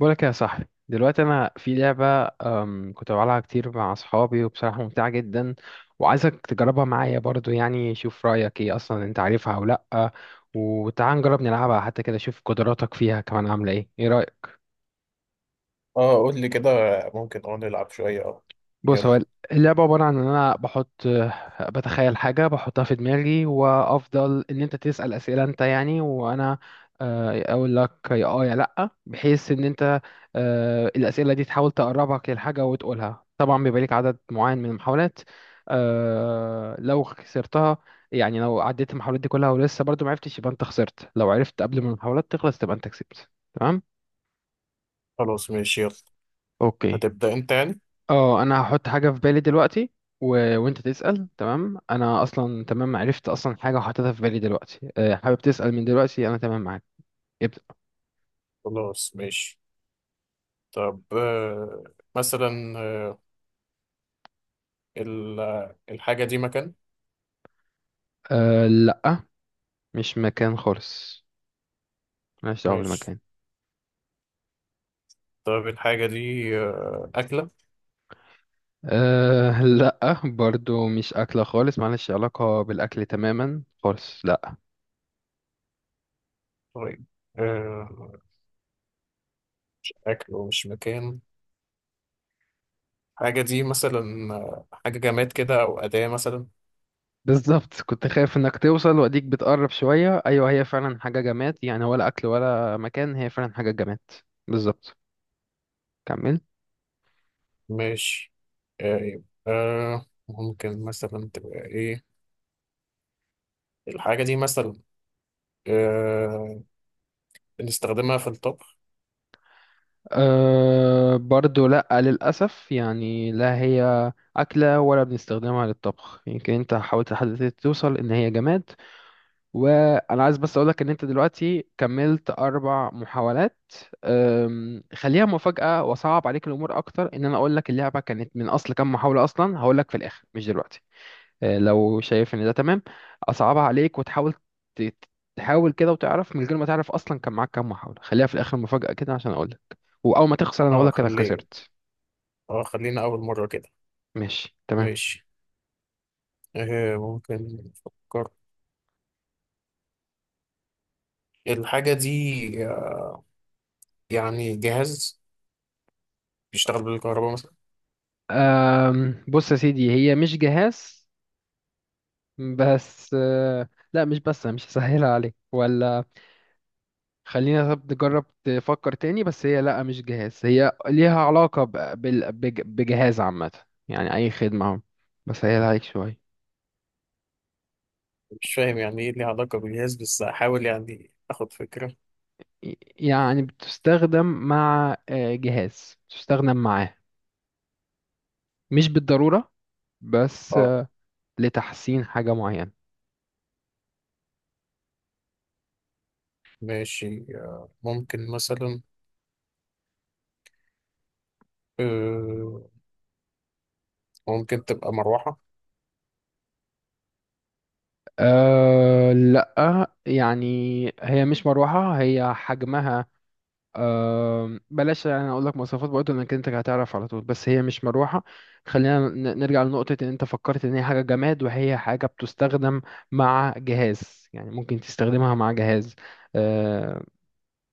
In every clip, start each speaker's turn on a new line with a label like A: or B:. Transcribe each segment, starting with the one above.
A: بقولك يا صاحبي دلوقتي انا في لعبه، كنت بلعبها كتير مع اصحابي وبصراحه ممتعه جدا، وعايزك تجربها معايا برضو. يعني شوف رايك ايه، اصلا انت عارفها او لا، وتعال نجرب نلعبها حتى كده، شوف قدراتك فيها كمان عامله ايه. ايه رايك؟
B: اه، قول لي كده. ممكن نلعب شوية اه
A: بص،
B: يلا.
A: هو اللعبة عبارة عن إن أنا بحط، بتخيل حاجة بحطها في دماغي، وأفضل إن أنت تسأل أسئلة أنت يعني، وأنا أقول لك يا آه يا لأ، بحيث إن أنت، الأسئلة دي تحاول تقربك للحاجة وتقولها. طبعا بيبقى ليك عدد معين من المحاولات. لو خسرتها، يعني لو عديت المحاولات دي كلها ولسه برضو معرفتش، يبقى أنت خسرت. لو عرفت قبل ما المحاولات تخلص، تبقى أنت كسبت. تمام؟
B: خلاص ماشي، يلا.
A: اوكي.
B: هتبدأ انت يعني؟
A: اه، انا هحط حاجه في بالي دلوقتي و... وانت تسال. تمام، انا اصلا تمام عرفت اصلا حاجه وحطيتها في بالي دلوقتي. أه، حابب تسال؟ من دلوقتي انا تمام معاك، ابدا.
B: خلاص ماشي. طب مثلا، الحاجة دي مكان.
A: أه لا، مش مكان خالص، مالهاش دعوه
B: ماشي.
A: بالمكان.
B: طب الحاجة دي أكلة.
A: أه، لا برضو مش اكله خالص، مالهاش علاقه بالاكل تماما خالص، لا.
B: طيب، آه، أكل ومش مكان. الحاجة دي مثلا حاجة جماد كده، أو أداة مثلا.
A: بالظبط، كنت خايف انك توصل، واديك بتقرب شويه. ايوه، هي فعلا حاجه جماد، يعني ولا اكل ولا مكان، هي فعلا حاجه جماد. بالظبط، كمل.
B: ماشي. ممكن مثلا تبقى إيه؟ الحاجة دي مثلا آه، بنستخدمها في الطبخ.
A: أه برضو لأ، للأسف يعني، لا هي أكلة ولا بنستخدمها للطبخ. يمكن أنت حاولت لحد دلوقتي توصل إن هي جماد، وأنا عايز بس أقولك إن أنت دلوقتي كملت أربع محاولات. خليها مفاجأة وصعب عليك الأمور أكتر، إن أنا أقولك اللعبة كانت من أصل كام محاولة أصلا. هقولك في الآخر مش دلوقتي. لو شايف ان ده تمام، اصعبها عليك وتحاول، ت- تحاول كده وتعرف من غير ما تعرف اصلا كان معاك كام محاولة. خليها في الاخر مفاجأة كده عشان اقول لك، واول ما تخسر انا اقول
B: اه،
A: لك انا
B: خليه.
A: خسرت.
B: اه، خلينا اول مرة كده.
A: ماشي تمام.
B: ماشي ممكن نفكر. الحاجة دي يعني جهاز بيشتغل بالكهرباء مثلا.
A: أم بص يا سيدي، هي مش جهاز. بس لا، مش بس أنا مش هسهلها عليك ولا، خلينا طب نجرب تفكر تاني. بس هي لا مش جهاز، هي ليها علاقة بجهاز عامة. يعني أي خدمة أهو، بسهلها عليك شوية.
B: مش فاهم يعني ايه ليه علاقة بالجهاز، بس هحاول يعني اخد فكرة
A: يعني بتستخدم مع جهاز، بتستخدم معاه، مش بالضرورة، بس
B: اه
A: لتحسين حاجة معينة.
B: ماشي ممكن مثلا، آه ممكن تبقى مروحة.
A: أه لا يعني، هي مش مروحة. هي حجمها، أه بلاش يعني اقول لك مواصفات برضه، انك انت هتعرف على طول. بس هي مش مروحة. خلينا نرجع لنقطة ان انت فكرت ان هي حاجة جماد، وهي حاجة بتستخدم مع جهاز، يعني ممكن تستخدمها مع جهاز، أه.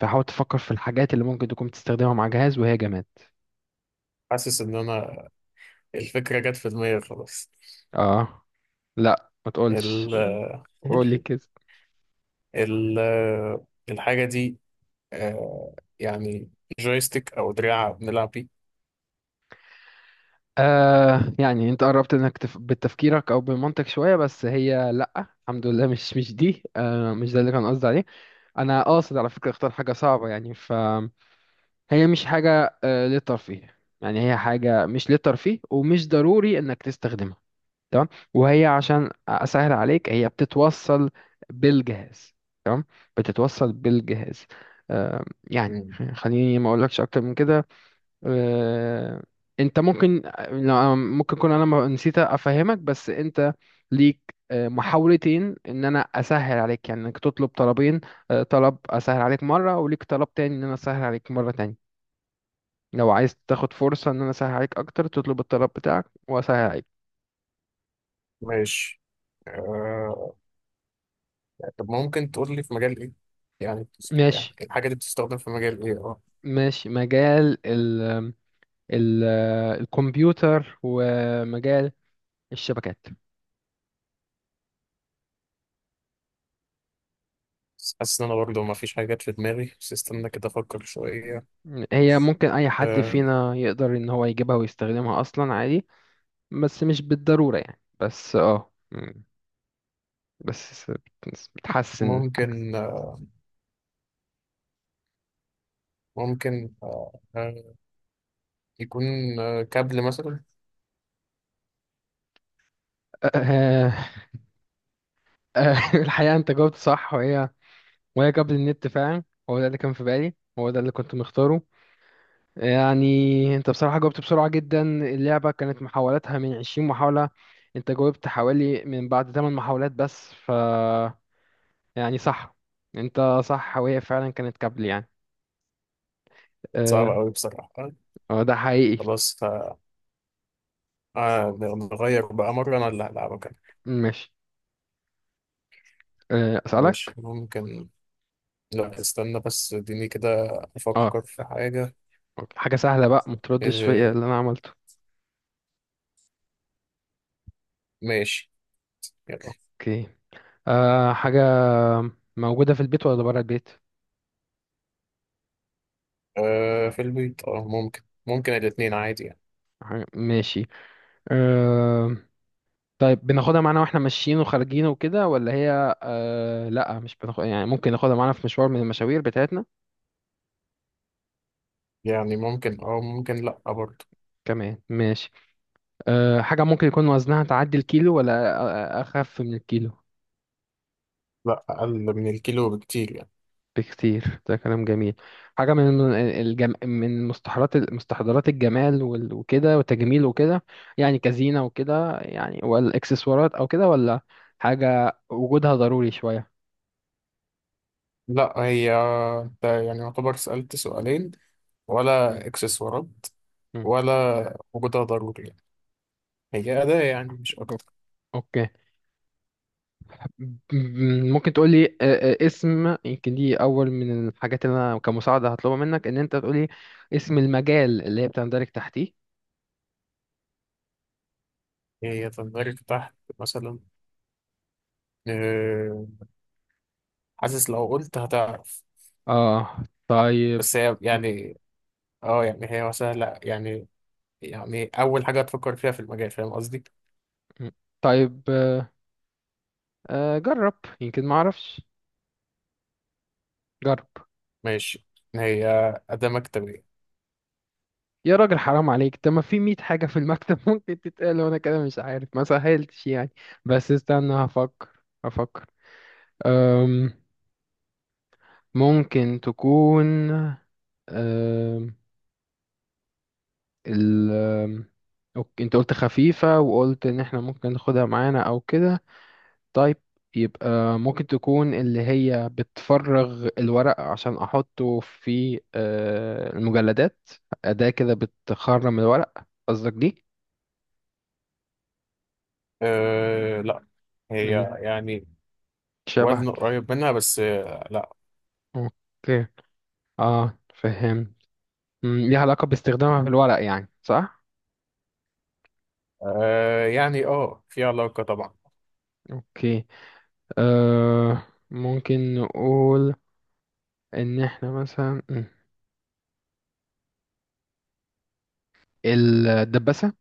A: فحاول تفكر في الحاجات اللي ممكن تكون بتستخدمها مع جهاز وهي جماد.
B: حاسس ان انا الفكرة جت في دماغي خلاص.
A: اه لا، ما تقولش،
B: ال
A: قولي كده.
B: ال الحاجة دي آه يعني جويستيك او دراع بنلعب بيه.
A: آه يعني انت قربت انك بتفكيرك او بمنطق شويه، بس هي لا الحمد لله، مش دي، آه مش ده اللي كان قصدي عليه. انا قاصد على فكره، اختار حاجه صعبه يعني. ف هي مش حاجه آه للترفيه، يعني هي حاجه مش للترفيه، ومش ضروري انك تستخدمها، تمام. وهي عشان اسهل عليك، هي بتتوصل بالجهاز، تمام، بتتوصل بالجهاز، آه يعني. خليني ما اقولكش اكتر من كده. آه، انت ممكن، لا، ممكن اكون انا نسيت افهمك. بس انت ليك محاولتين ان انا اسهل عليك، يعني انك تطلب طلبين. طلب اسهل عليك مره، وليك طلب تاني ان انا اسهل عليك مره تاني. لو عايز تاخد فرصه ان انا اسهل عليك اكتر، تطلب الطلب بتاعك واسهل عليك.
B: ماشي آه... طب ممكن تقول لي في مجال ايه؟ يعني يعني
A: ماشي،
B: الحاجة دي بتستخدم في مجال ايه اه
A: ماشي. مجال ال ال الكمبيوتر، ومجال الشبكات.
B: بس حاسس ان انا برضه ما فيش حاجات في دماغي، بس استنى كده افكر شوية.
A: هي ممكن اي حد
B: آه...
A: فينا يقدر ان هو يجيبها ويستخدمها اصلا عادي، بس مش بالضرورة يعني. بس اه بس بتحسن.
B: ممكن، ممكن، يكون كابل مثلا.
A: آه، آه، الحقيقة انت جاوبت صح، وهي وهي قبل النت فعلا، هو ده اللي كان في بالي، هو ده اللي كنت مختاره يعني. انت بصراحة جاوبت بسرعة جدا. اللعبة كانت محاولاتها من 20 محاولة، انت جاوبت حوالي من بعد 8 محاولات بس. ف يعني صح، انت صح، وهي فعلا كانت قبل يعني،
B: صعب
A: اه.
B: قوي بصراحة.
A: ده حقيقي.
B: خلاص. نغير بقى مرة، انا اللي هلعبك أنا.
A: ماشي،
B: ماشي
A: اسألك.
B: ممكن. لا، استنى بس اديني كده
A: اه
B: افكر في حاجة
A: أوكي. حاجة سهلة بقى، ما تردش فيا
B: آه...
A: اللي أنا عملته.
B: ماشي.
A: أوكي. أه، حاجة موجودة في البيت ولا برا البيت؟
B: في البيت. اه، ممكن، ممكن الاتنين عادي يعني.
A: ماشي، أه. طيب بناخدها معانا واحنا ماشيين وخارجين وكده، ولا هي أه لا مش بناخد؟ يعني ممكن ناخدها معانا في مشوار من المشاوير بتاعتنا،
B: يعني ممكن، ممكن، لأ برضه.
A: كمان ماشي. أه، حاجة ممكن يكون وزنها تعدي الكيلو، ولا أخف من الكيلو؟
B: لأ، أقل من الكيلو بكتير يعني.
A: بكتير، ده كلام جميل. حاجة من من مستحضرات، مستحضرات الجمال وكده وتجميل وكده، يعني كزينة وكده يعني والإكسسوارات أو كده، ولا حاجة وجودها ضروري شوية؟
B: لأ، هي، انت يعني يعتبر سألت سؤالين.
A: مم.
B: ولا اكسسوارات،
A: مم.
B: ولا وجودها ضروري يعني؟ هي أداة يعني مش
A: أوك-
B: أكتر.
A: أوكي. مم. ممكن تقولي اسم. يمكن دي أول من الحاجات اللي أنا كمساعدة هطلبها منك، إن أنت تقولي اسم المجال اللي هي بتندرج تحتيه.
B: هي تندرج تحت مثلا آه، حاسس لو قلت هتعرف.
A: آه طيب.
B: بس هي
A: مم.
B: يعني، اه يعني هي سهلة يعني. يعني أول حاجة هتفكر فيها في المجال، فاهم قصدي؟
A: مم. طيب جرب، يمكن ما أعرفش، جرب.
B: ماشي. هي أداة مكتبية.
A: يا راجل حرام عليك، ده ما في 100 حاجة في المكتب ممكن تتقال، وانا كده مش عارف ما سهلتش يعني. بس استنى هفكر، هفكر. أم، ممكن تكون، أم، ال أم، أوكي، انت قلت خفيفة، وقلت ان احنا ممكن ناخدها معانا او كده، طيب. يبقى ممكن تكون اللي هي بتفرغ الورق عشان احطه في المجلدات، أداة كده بتخرم الورق، قصدك دي؟
B: أه لا، هي
A: مم.
B: يعني
A: شبهك.
B: وزن قريب منها، بس لا.
A: اوكي، اه فهم. ليها علاقة باستخدامها في الورق يعني صح؟
B: أه يعني، في علاقة طبعا.
A: اوكي، آه. ممكن نقول ان احنا مثلا الدباسة.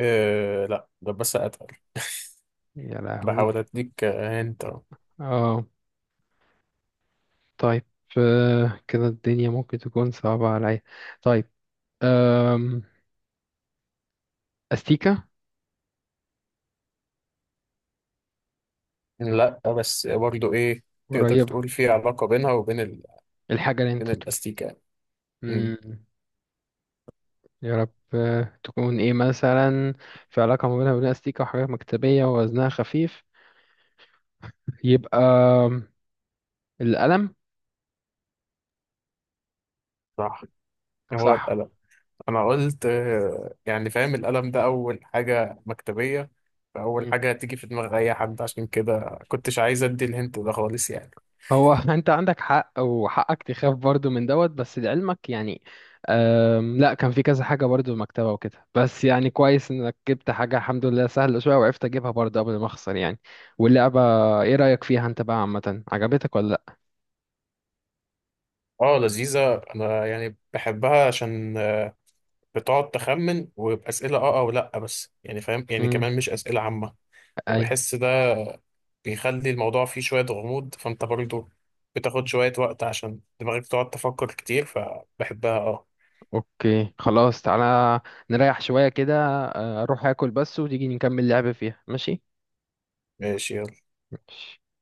B: أه لا، ده بس اتقل.
A: يا
B: بحاول
A: لهوي.
B: اديك انت.
A: اه طيب، آه كده الدنيا ممكن تكون صعبة عليا. طيب، آم، استيكة.
B: لا، بس برضو ايه. تقدر
A: قريبة،
B: تقول في علاقة بينها وبين
A: الحاجة اللي
B: بين
A: انت
B: الاستيكان؟ أمم.
A: مم. يا رب تكون ايه مثلا. في علاقة ما بينها وبين استيكة، وحاجات مكتبية، ووزنها خفيف، يبقى القلم.
B: صح. هو
A: صح.
B: اتقل. انا قلت يعني فاهم، القلم ده اول حاجة مكتبية، فاول
A: مم.
B: حاجة هتيجي في دماغ اي حد، عشان كده كنتش عايز ادي الهنت ده خالص يعني.
A: هو انت عندك حق، وحقك تخاف برضو من دوت، بس لعلمك يعني، أم لا، كان في كذا حاجة برضو المكتبة وكده، بس يعني كويس انك جبت حاجة الحمد لله سهلة شوية، وعرفت اجيبها برضو قبل ما اخسر يعني. واللعبة ايه رأيك فيها انت بقى عامة؟ عجبتك ولا لا؟
B: اه، لذيذة. انا يعني بحبها عشان بتقعد تخمن، وبأسئلة اه او لا، بس يعني فاهم يعني
A: مم.
B: كمان مش أسئلة عامة.
A: ايوه.
B: فبحس بيخلي الموضوع فيه شوية غموض، فأنت برضو بتاخد شوية وقت عشان دماغك تقعد تفكر كتير، فبحبها اه.
A: اوكي خلاص، تعالى نريح شوية كده. أه، اروح اكل بس وتيجي نكمل لعب فيها، ماشي؟
B: ماشي يلا.
A: ماشي